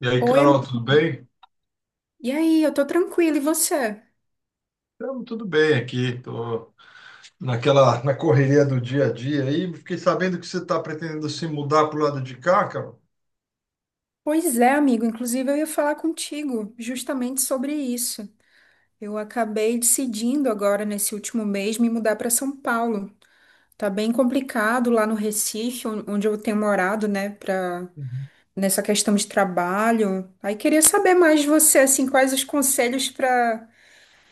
E aí, Oi, Carol, amigo. tudo bem? E aí, eu tô tranquila, e você? Tamo tudo bem aqui. Tô naquela na correria do dia a dia aí. Fiquei sabendo que você está pretendendo se mudar pro lado de cá, Carol. Pois é, amigo. Inclusive, eu ia falar contigo justamente sobre isso. Eu acabei decidindo agora, nesse último mês, me mudar para São Paulo. Tá bem complicado lá no Recife, onde eu tenho morado, né, pra... Uhum. nessa questão de trabalho. Aí queria saber mais de você, assim, quais os conselhos para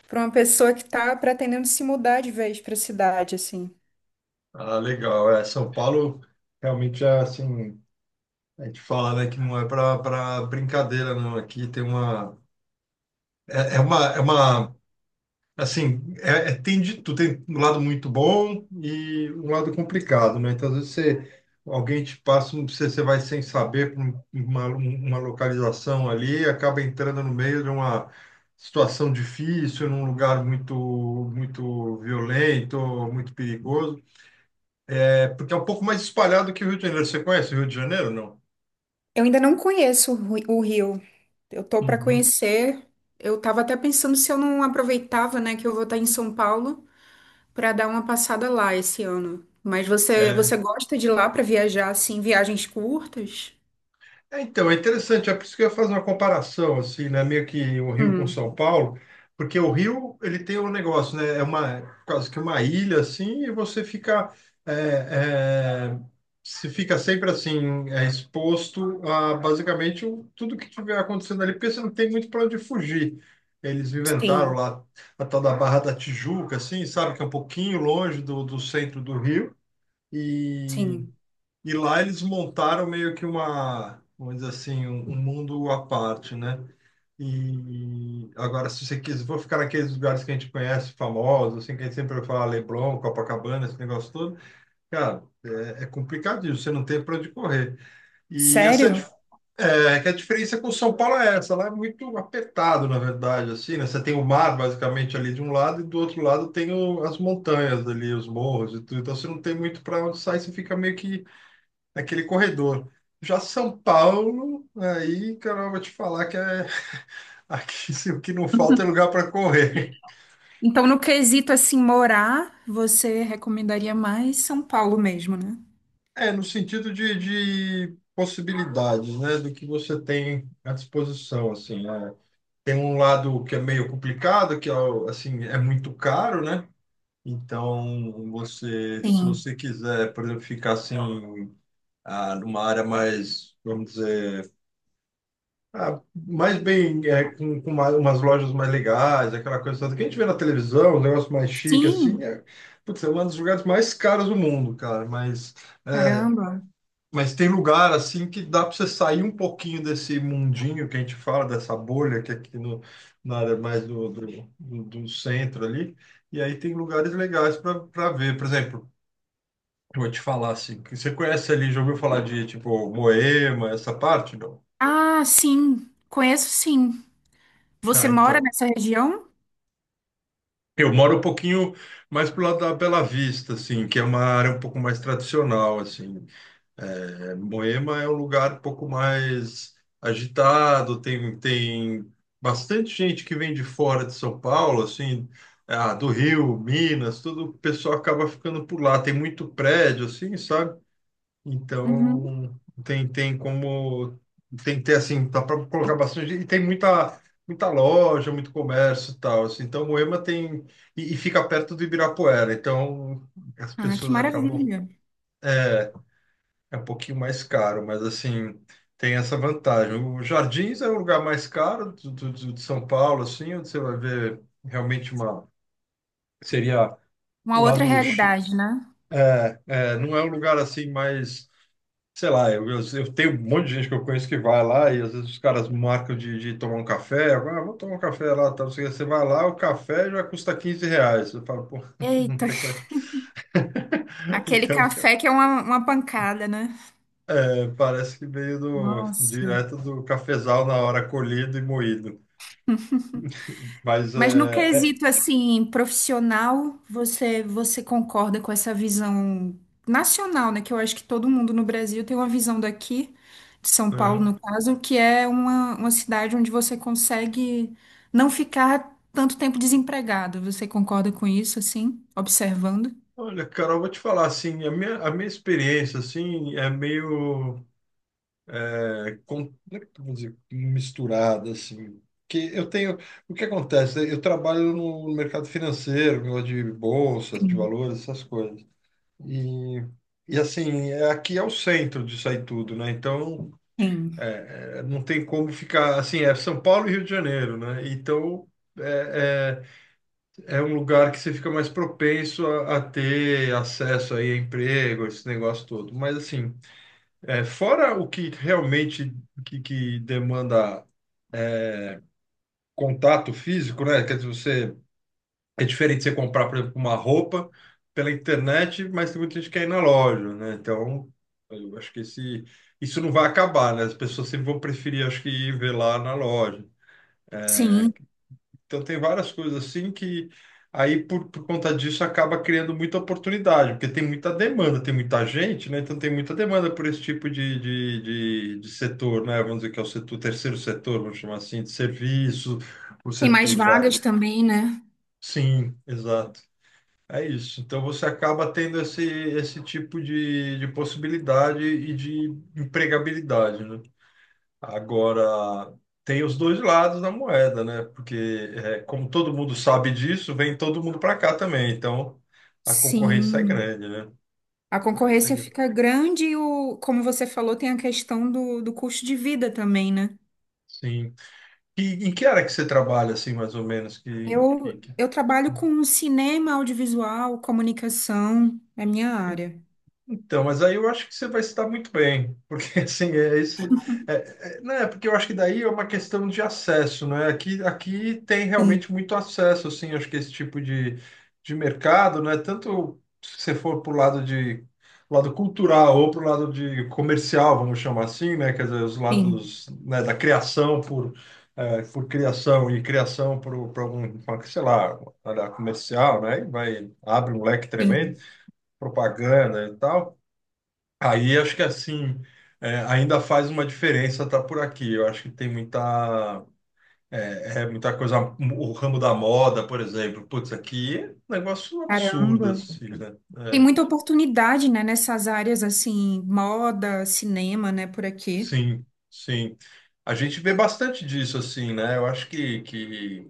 para uma pessoa que tá pretendendo se mudar de vez para a cidade, assim. Ah, legal. É, São Paulo realmente é assim. A gente fala, né, que não é para brincadeira, não. Aqui tem uma é uma assim, tem de tudo, tem um lado muito bom e um lado complicado, né? Então, às vezes você, alguém te passa, você, você vai sem saber pra uma localização ali, e acaba entrando no meio de uma situação difícil, num lugar muito, muito violento, muito perigoso. É porque é um pouco mais espalhado que o Rio de Janeiro. Você conhece o Rio de Janeiro, não? Eu ainda não conheço o o Rio. Eu tô para Uhum. conhecer. Eu tava até pensando se eu não aproveitava, né, que eu vou estar em São Paulo para dar uma passada lá esse ano. Mas você gosta de ir lá para viajar assim, viagens curtas? É, então, é interessante, é por isso que eu ia fazer uma comparação, assim, né? Meio que o Rio com Hum, São Paulo, porque o Rio, ele tem um negócio, né? É uma, quase que uma ilha, assim, e você fica, é, é, se fica sempre, assim, exposto a, basicamente, tudo que tiver acontecendo ali, porque você não tem muito para onde fugir. Eles inventaram sim, lá a tal da Barra da Tijuca, assim, sabe? Que é um pouquinho longe do, do centro do Rio, E sim. e lá eles montaram meio que uma, vamos dizer assim, um mundo à parte, né? E agora, se você quiser, vou ficar naqueles lugares que a gente conhece, famosos, assim, que a gente sempre fala Leblon, Copacabana, esse negócio todo. Cara, é complicadinho, você não tem para onde correr. E essa é, a Sério? dif- é é que a diferença com São Paulo é essa, lá é muito apertado, na verdade, assim, né? Você tem o mar, basicamente, ali de um lado, e do outro lado tem o- as montanhas ali, os morros e tudo. Então, você não tem muito para onde sair, você fica meio que naquele corredor. Já São Paulo, aí, cara, eu vou te falar que é aqui se o que não falta é lugar para correr. Então, no quesito assim morar, você recomendaria mais São Paulo mesmo, né? É, no sentido de possibilidades, né, do que você tem à disposição, assim, né? Tem um lado que é meio complicado, que é, assim, é muito caro, né? Então, você, se Sim. você quiser, por exemplo, ficar assim, numa área mais, vamos dizer, ah, mais bem é, com umas lojas mais legais, aquela coisa toda que a gente vê na televisão, um negócio mais chique assim, Sim. é, putz, é um dos lugares mais caros do mundo, cara. Mas, Caramba. mas tem lugar assim que dá para você sair um pouquinho desse mundinho que a gente fala, dessa bolha que é aqui no, na área mais do centro ali. E aí tem lugares legais para ver. Por exemplo, eu vou te falar assim, que você conhece ali, já ouviu falar de tipo Moema, essa parte, não? Ah, sim. Conheço sim. Você Ah, mora então. nessa região? Eu moro um pouquinho mais pro lado da Bela Vista, assim, que é uma área um pouco mais tradicional, assim. É, Moema é um lugar um pouco mais agitado, tem bastante gente que vem de fora de São Paulo, assim, ah, do Rio, Minas, tudo, o pessoal acaba ficando por lá. Tem muito prédio, assim, sabe? Uhum. Então, tem como, tem que ter assim, dá para colocar bastante, e tem muita, muita loja, muito comércio e tal, assim. Então, Moema tem, e fica perto do Ibirapuera, então as Ah, que pessoas acabam, maravilha. é um pouquinho mais caro, mas assim, tem essa vantagem. O Jardins é o lugar mais caro de São Paulo, assim, onde você vai ver realmente uma, seria Uma o outra lado, realidade, né? Não é um lugar assim mais sei lá, eu tenho um monte de gente que eu conheço que vai lá e às vezes os caras marcam de tomar um café. Ah, vou tomar um café lá, tá? Você, você vai lá, o café já custa R$ 15. Eu falo, pô, não Eita, tem coisa. aquele Então, cara, café que é uma pancada, né? é, parece que veio do, Nossa. direto do cafezal na hora colhido e moído. Mas Mas no quesito assim, profissional, você concorda com essa visão nacional, né? Que eu acho que todo mundo no Brasil tem uma visão daqui, de São Paulo, uhum. no caso, que é uma cidade onde você consegue não ficar tanto tempo desempregado. Você concorda com isso, assim, observando? Olha, Carol, vou te falar assim, a minha experiência assim é meio é com, como é que eu vou dizer, misturada, assim. Que eu tenho, o que acontece? Eu trabalho no mercado financeiro, negócio de bolsas, de Sim. valores, essas coisas. E, e assim, aqui é o centro disso aí tudo, né? Então, Sim. Não tem como ficar, assim, é São Paulo e Rio de Janeiro, né? Então, é, é um lugar que você fica mais propenso a ter acesso aí a emprego, esse negócio todo. Mas, assim, é, fora o que realmente que demanda contato físico, né? Quer dizer, você é diferente de você comprar, por exemplo, uma roupa pela internet, mas tem muita gente que quer ir na loja, né? Então, eu acho que esse isso não vai acabar, né? As pessoas sempre vão preferir, acho que ir ver lá na loja. Sim. Então, tem várias coisas assim que aí por conta disso acaba criando muita oportunidade, porque tem muita demanda, tem muita gente, né? Então, tem muita demanda por esse tipo de setor, né? Vamos dizer que é o setor, terceiro setor, vamos chamar assim, de serviço, o Tem mais setor, vari- vagas também, né? sim, exato. É isso. Então você acaba tendo esse tipo de possibilidade e de empregabilidade, né? Agora, tem os dois lados da moeda, né? Porque, é, como todo mundo sabe disso, vem todo mundo para cá também. Então, a concorrência é Sim. grande, né? A A concorrência é concorrência grande. fica grande e, o, como você falou, tem a questão do, do custo de vida também, né? Sim. E em que área que você trabalha, assim, mais ou menos? Eu, eu trabalho com cinema, audiovisual, comunicação, é minha área. Então, mas aí eu acho que você vai se dar muito bem, porque assim, é esse. É, né, porque eu acho que daí é uma questão de acesso, né? Aqui tem Sim, realmente muito acesso, assim, acho que esse tipo de mercado, né? Tanto se você for para o lado de lado cultural ou para o lado de comercial, vamos chamar assim, né? Quer dizer, os sim, lados, né, da criação por, é, por criação e criação por algum, sei lá, área comercial, né? E vai, abre um leque tremendo, sim. propaganda e tal. Aí acho que assim é, ainda faz uma diferença estar por aqui. Eu acho que tem muita é, é muita coisa. O ramo da moda, por exemplo, putz, aqui é um negócio absurdo Caramba. assim, né? Tem É, muita oportunidade, né, nessas áreas assim, moda, cinema, né, por aqui. sim, sim. A gente vê bastante disso assim, né? Eu acho que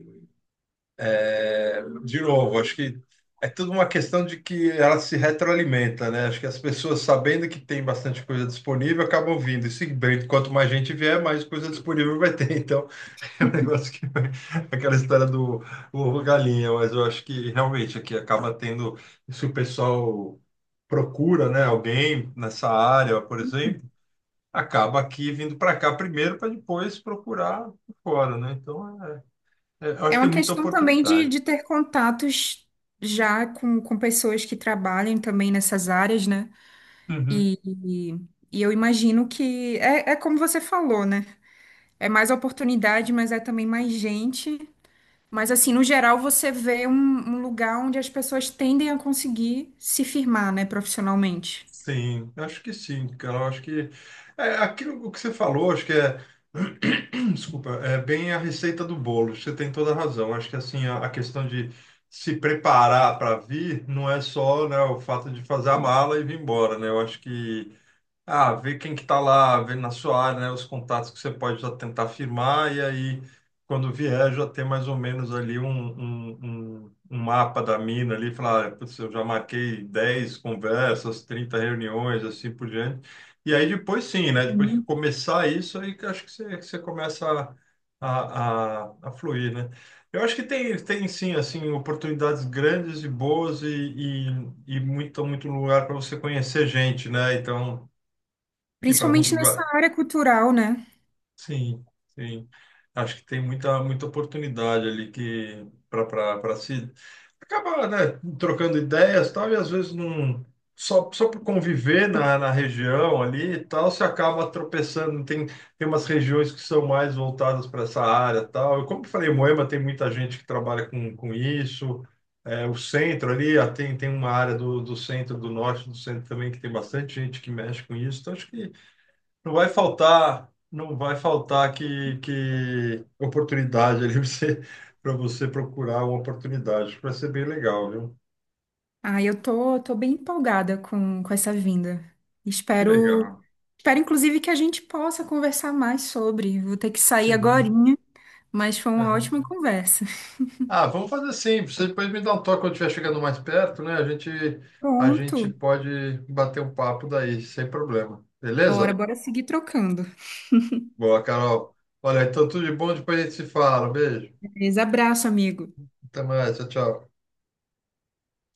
é, de novo, acho que é tudo uma questão de que ela se retroalimenta, né? Acho que as pessoas, sabendo que tem bastante coisa disponível, acabam vindo. E se bem, quanto mais gente vier, mais coisa disponível vai ter. É um negócio que vai- aquela história do ovo galinha, mas eu acho que realmente aqui acaba tendo, se o pessoal procura, né, alguém nessa área, por exemplo, acaba aqui vindo para cá primeiro para depois procurar fora, né? Então, eu É acho que uma tem muita questão também oportunidade. de ter contatos já com pessoas que trabalham também nessas áreas, né? Uhum. E, e eu imagino que é, é como você falou, né? É mais oportunidade, mas é também mais gente. Mas, assim, no geral, você vê um, um lugar onde as pessoas tendem a conseguir se firmar, né, profissionalmente. Sim, eu acho que sim, cara. Eu acho que é, aquilo que você falou, acho que é, desculpa, é bem a receita do bolo. Você tem toda a razão. Acho que assim a questão de se preparar para vir não é só, né, o fato de fazer a mala e vir embora, né? Eu acho que ah, ver quem que está lá, ver na sua área, né, os contatos que você pode já tentar firmar, e aí, quando vier, já ter mais ou menos ali um mapa da mina ali, falar, ah, putz, eu já marquei 10 conversas, 30 reuniões, assim por diante. E aí depois sim, né, depois que Sim. começar isso, aí que eu acho que você começa a fluir, né? Eu acho que tem, tem sim, assim, oportunidades grandes e boas e muito, muito lugar para você conhecer gente, né? Então ir para alguns Principalmente nessa lugares. área cultural, né? Sim, sim. Acho que tem muita, muita oportunidade ali que para se acaba, né, trocando ideias, e tal, e às vezes não só por conviver na, na região ali e tal, você acaba tropeçando. Tem umas regiões que são mais voltadas para essa área, e tal. Eu, como eu falei, Moema tem muita gente que trabalha com isso. É, o centro ali, ah, tem, tem uma área do, do centro, do norte, do centro também, que tem bastante gente que mexe com isso. Então, acho que não vai faltar, não vai faltar que oportunidade ali para você procurar uma oportunidade. Vai ser bem legal, viu? Ah, eu tô, tô bem empolgada com essa vinda. Que Espero, legal. espero, inclusive, que a gente possa conversar mais sobre. Vou ter que sair Sim. agorinha, mas foi uma ótima Aham. conversa. Ah, vamos fazer assim. Você depois me dá um toque quando estiver chegando mais perto, né? A gente Pronto. pode bater um papo daí, sem problema. Bora, Beleza? bora seguir trocando. Boa, Carol. Olha, então tudo de bom, depois a gente se fala. Beijo. Beleza, abraço, amigo. Até mais. Tchau, tchau.